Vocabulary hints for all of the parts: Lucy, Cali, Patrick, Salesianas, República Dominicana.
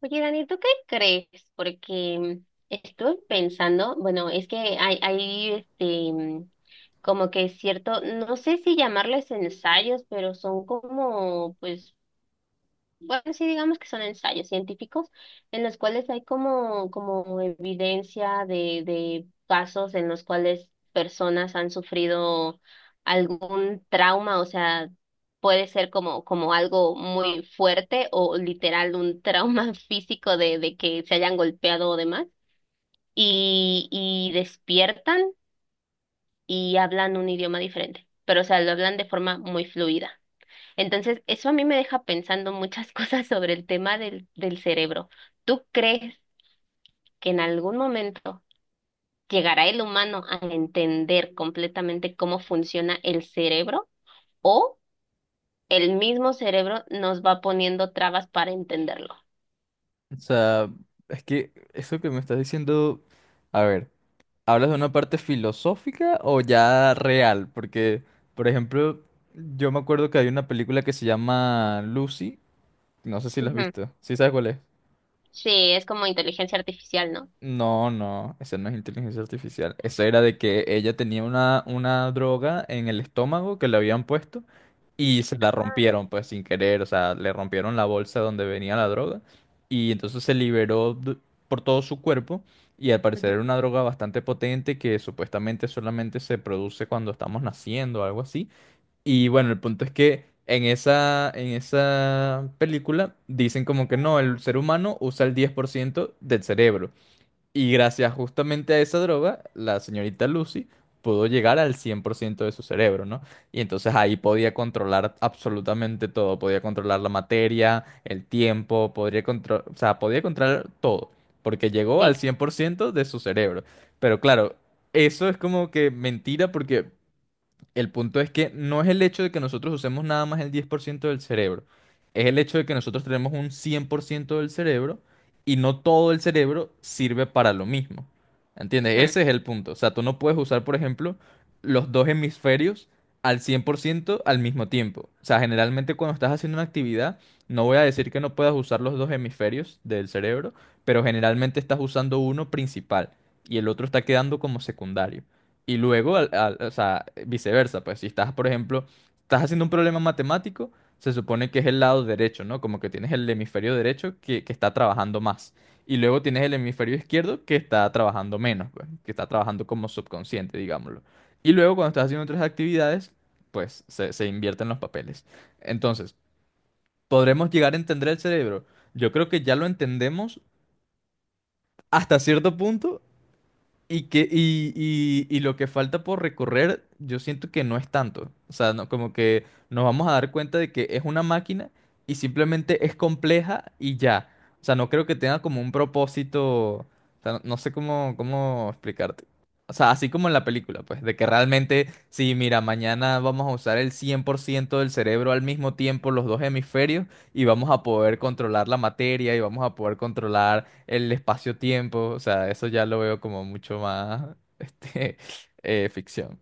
Oye, Dani, ¿tú qué crees? Porque estoy pensando, bueno, es que hay este, como que es cierto, no sé si llamarles ensayos, pero son como, pues, bueno, sí, digamos que son ensayos científicos en los cuales hay como, como evidencia de casos en los cuales personas han sufrido algún trauma, o sea, puede ser como, como algo muy fuerte o literal un trauma físico de que se hayan golpeado o demás, y despiertan y hablan un idioma diferente, pero o sea, lo hablan de forma muy fluida. Entonces, eso a mí me deja pensando muchas cosas sobre el tema del cerebro. ¿Tú crees que en algún momento llegará el humano a entender completamente cómo funciona el cerebro o el mismo cerebro nos va poniendo trabas para entenderlo? O sea, es que eso que me estás diciendo, a ver, ¿hablas de una parte filosófica o ya real? Porque, por ejemplo, yo me acuerdo que hay una película que se llama Lucy, no sé si la has Ujú. visto, ¿sí sabes cuál es? Sí, es como inteligencia artificial, ¿no? No, no, esa no es inteligencia artificial. Eso era de que ella tenía una droga en el estómago que le habían puesto y se la rompieron, pues sin querer, o sea, le rompieron la bolsa donde venía la droga y entonces se liberó por todo su cuerpo y al parecer Ujú. era una droga bastante potente que supuestamente solamente se produce cuando estamos naciendo o algo así. Y bueno, el punto es que en esa película dicen como que no, el ser humano usa el 10% del cerebro. Y gracias justamente a esa droga, la señorita Lucy pudo llegar al 100% de su cerebro, ¿no? Y entonces ahí podía controlar absolutamente todo, podía controlar la materia, el tiempo, podría controlar, o sea, podía controlar todo, porque llegó al Sí. 100% de su cerebro. Pero claro, eso es como que mentira porque el punto es que no es el hecho de que nosotros usemos nada más el 10% del cerebro, es el hecho de que nosotros tenemos un 100% del cerebro y no todo el cerebro sirve para lo mismo. ¿Entiendes? Ujú. Ese es el punto. O sea, tú no puedes usar, por ejemplo, los dos hemisferios al 100% al mismo tiempo. O sea, generalmente cuando estás haciendo una actividad, no voy a decir que no puedas usar los dos hemisferios del cerebro, pero generalmente estás usando uno principal y el otro está quedando como secundario. Y luego, o sea, viceversa, pues si estás, por ejemplo, estás haciendo un problema matemático, se supone que es el lado derecho, ¿no? Como que tienes el hemisferio derecho que está trabajando más. Y luego tienes el hemisferio izquierdo que está trabajando menos, pues, que está trabajando como subconsciente, digámoslo. Y luego, cuando estás haciendo otras actividades, pues se invierten los papeles. Entonces, ¿podremos llegar a entender el cerebro? Yo creo que ya lo entendemos hasta cierto punto y lo que falta por recorrer, yo siento que no es tanto. O sea, no, como que nos vamos a dar cuenta de que es una máquina y simplemente es compleja y ya. O sea, no creo que tenga como un propósito. O sea, no, no sé cómo explicarte. O sea, así como en la película, pues, de que realmente, sí, mira, mañana vamos a usar el 100% del cerebro al mismo tiempo, los dos hemisferios, y vamos a poder controlar la materia y vamos a poder controlar el espacio-tiempo, o sea, eso ya lo veo como mucho más, ficción.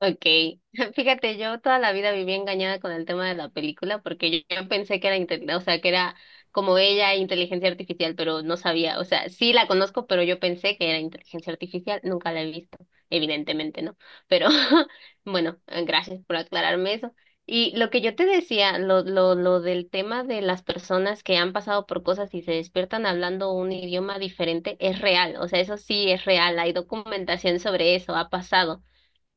Okay, fíjate, yo toda la vida viví engañada con el tema de la película porque yo pensé que era, inte- o sea, que era como ella, inteligencia artificial, pero no sabía, o sea, sí la conozco, pero yo pensé que era inteligencia artificial, nunca la he visto, evidentemente no, pero bueno, gracias por aclararme eso. Y lo que yo te decía, lo del tema de las personas que han pasado por cosas y se despiertan hablando un idioma diferente, es real, o sea, eso sí es real, hay documentación sobre eso, ha pasado.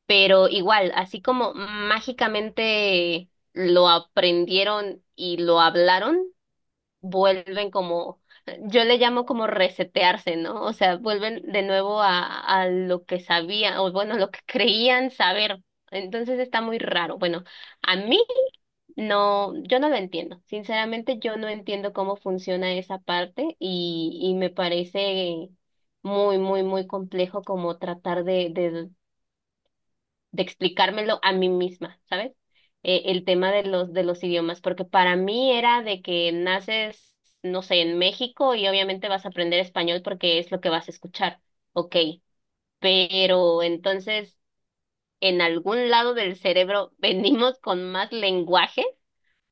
Pero igual, así como mágicamente lo aprendieron y lo hablaron, vuelven como, yo le llamo como resetearse, ¿no? O sea, vuelven de nuevo a lo que sabían, o bueno, lo que creían saber. Entonces está muy raro. Bueno, a mí no, yo no lo entiendo. Sinceramente, yo no entiendo cómo funciona esa parte y me parece muy, muy, muy complejo como tratar de explicármelo a mí misma, ¿sabes? El tema de los idiomas, porque para mí era de que naces, no sé, en México y obviamente vas a aprender español porque es lo que vas a escuchar, ok, pero entonces en algún lado del cerebro venimos con más lenguaje,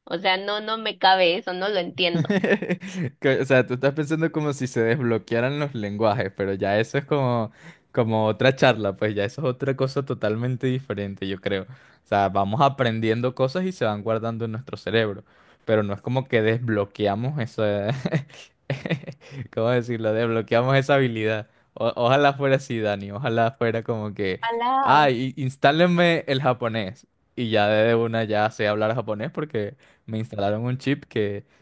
o sea, no, no me cabe eso, no lo entiendo. O sea, tú estás pensando como si se desbloquearan los lenguajes, pero ya eso es como, como otra charla, pues ya eso es otra cosa totalmente diferente, yo creo. O sea, vamos aprendiendo cosas y se van guardando en nuestro cerebro, pero no es como que desbloqueamos esa... ¿Cómo decirlo? Desbloqueamos esa habilidad. Ojalá fuera así, Dani, ojalá fuera como que, Ojalá. ay, ah, instálenme el japonés. Y ya de una ya sé hablar japonés porque me instalaron un chip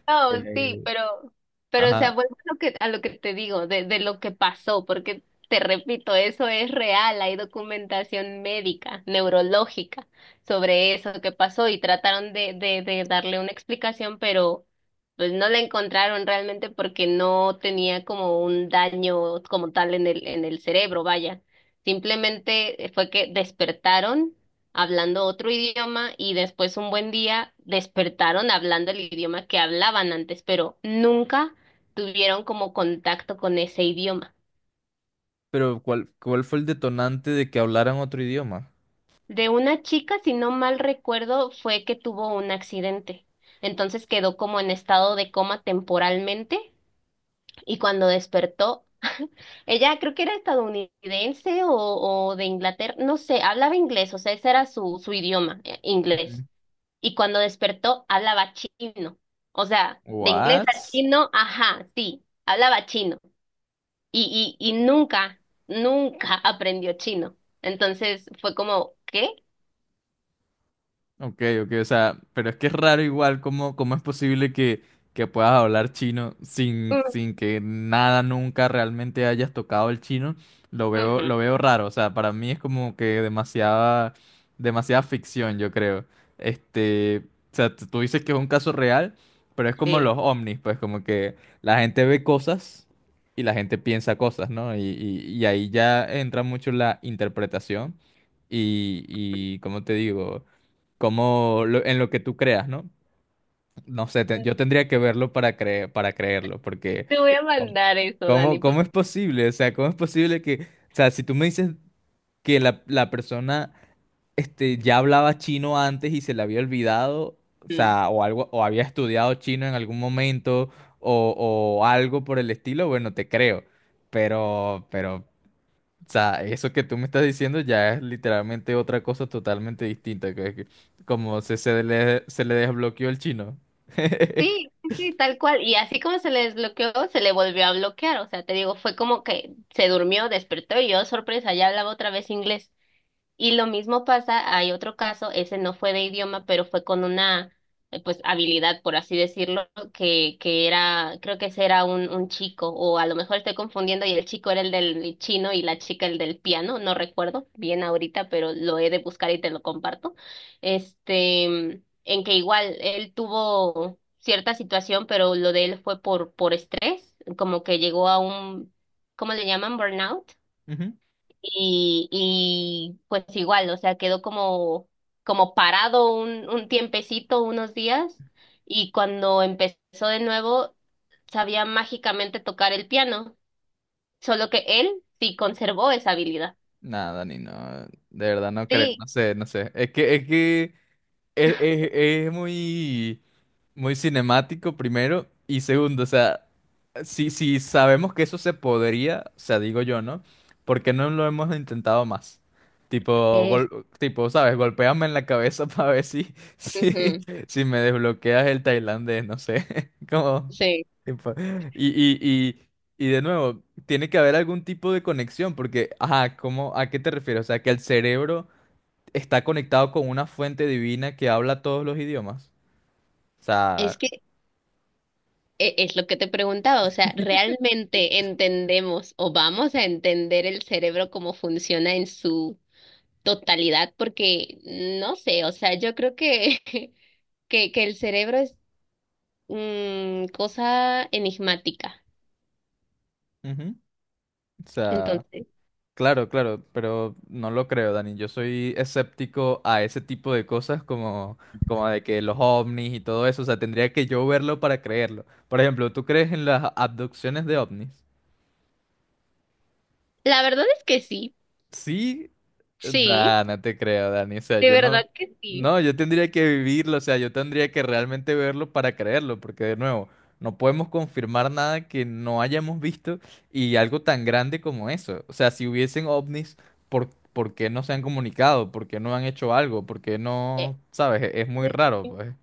No, sí, eh, pero o sea, ajá. vuelvo a lo que te digo, de lo que pasó, porque te repito, eso es real, hay documentación médica, neurológica sobre eso que pasó y trataron de darle una explicación, pero pues no la encontraron realmente porque no tenía como un daño como tal en el cerebro, vaya. Simplemente fue que despertaron hablando otro idioma y después un buen día despertaron hablando el idioma que hablaban antes, pero nunca tuvieron como contacto con ese idioma. Pero ¿cuál fue el detonante de que hablaran otro idioma? De una chica, si no mal recuerdo, fue que tuvo un accidente. Entonces quedó como en estado de coma temporalmente y cuando despertó, ella creo que era estadounidense o de Inglaterra, no sé, hablaba inglés, o sea, ese era su idioma, Ujú. inglés. Y cuando despertó hablaba chino. O sea, de inglés What? a chino, ajá, sí, hablaba chino. Y nunca, nunca aprendió chino. Entonces fue como, ¿qué? Ok, ok, o sea, pero es que es raro igual cómo es posible que puedas hablar chino sin, Mm, sin que nada nunca realmente hayas tocado el chino. Ujú, Lo veo raro, o sea, para mí es como que demasiada, demasiada ficción, yo creo. Este, o sea, tú dices que es un caso real, pero es como sí. los ovnis, pues como que la gente ve cosas y la gente piensa cosas, ¿no? Y ahí ya entra mucho la interpretación y ¿cómo te digo? Como en lo que tú creas, ¿no? No sé, yo tendría que verlo para para creerlo, porque Te voy a ¿cómo, mandar eso, Dani. cómo Por- cómo es posible? O sea, ¿cómo es posible que, o sea, si tú me dices que la persona este, ya hablaba chino antes y se le había olvidado, o mm. sea, o algo, o había estudiado chino en algún momento, o, o algo por el estilo, bueno, te creo. Pero o sea, eso que tú me estás diciendo ya es literalmente otra cosa totalmente distinta, como se le desbloqueó el chino. Sí, sí, sí, tal cual. Y así como se le desbloqueó, se le volvió a bloquear. O sea, te digo, fue como que se durmió, despertó y yo, sorpresa, ya hablaba otra vez inglés. Y lo mismo pasa, hay otro caso, ese no fue de idioma, pero fue con una pues habilidad, por así decirlo, que era, creo que ese era un chico, o a lo mejor estoy confundiendo, y el chico era el del chino y la chica el del piano, no recuerdo bien ahorita, pero lo he de buscar y te lo comparto. Este, en que igual él tuvo cierta situación, pero lo de él fue por estrés, como que llegó a un, ¿cómo le llaman? Burnout. Ujú. Y pues igual, o sea, quedó como, como parado un tiempecito, unos días, y cuando empezó de nuevo, sabía mágicamente tocar el piano, solo que él sí conservó esa habilidad. Nada, ni no, de verdad no creo, Sí, no sé, no sé. Es muy, muy cinemático, primero. Y segundo, o sea, si, si sabemos que eso se podría, o sea, digo yo, ¿no? ¿Por qué no lo hemos intentado más? Tipo, es, tipo, ¿sabes? Golpéame en la cabeza para ver si, si, ujú, si me desbloqueas el tailandés, no sé. Como, sí, tipo, y, y, y de nuevo, tiene que haber algún tipo de conexión, porque, ajá, ¿cómo, a qué te refieres? O sea, que el cerebro está conectado con una fuente divina que habla todos los idiomas. O es sea, que e- es lo que te preguntaba, o sea, ¿realmente entendemos o vamos a entender el cerebro cómo funciona en su totalidad? Porque no sé, o sea, yo creo que, que el cerebro es mm, cosa enigmática. ujú, o sea, Entonces, claro, claro, pero no lo creo, Dani. Yo soy escéptico a ese tipo de cosas como, como de que los ovnis y todo eso. O sea, tendría que yo verlo para creerlo. Por ejemplo, ¿tú crees en las abducciones de ovnis? la verdad es que sí, Sí, sí, nah, no te creo, Dani. O sea, de yo verdad no, que sí. no, yo tendría que vivirlo, o sea, yo tendría que realmente verlo para creerlo, porque de nuevo, no podemos confirmar nada que no hayamos visto y algo tan grande como eso. O sea, si hubiesen ovnis, por qué no se han comunicado? ¿Por qué no han hecho algo? ¿Por qué no, sabes? Es muy Eh, raro, pues.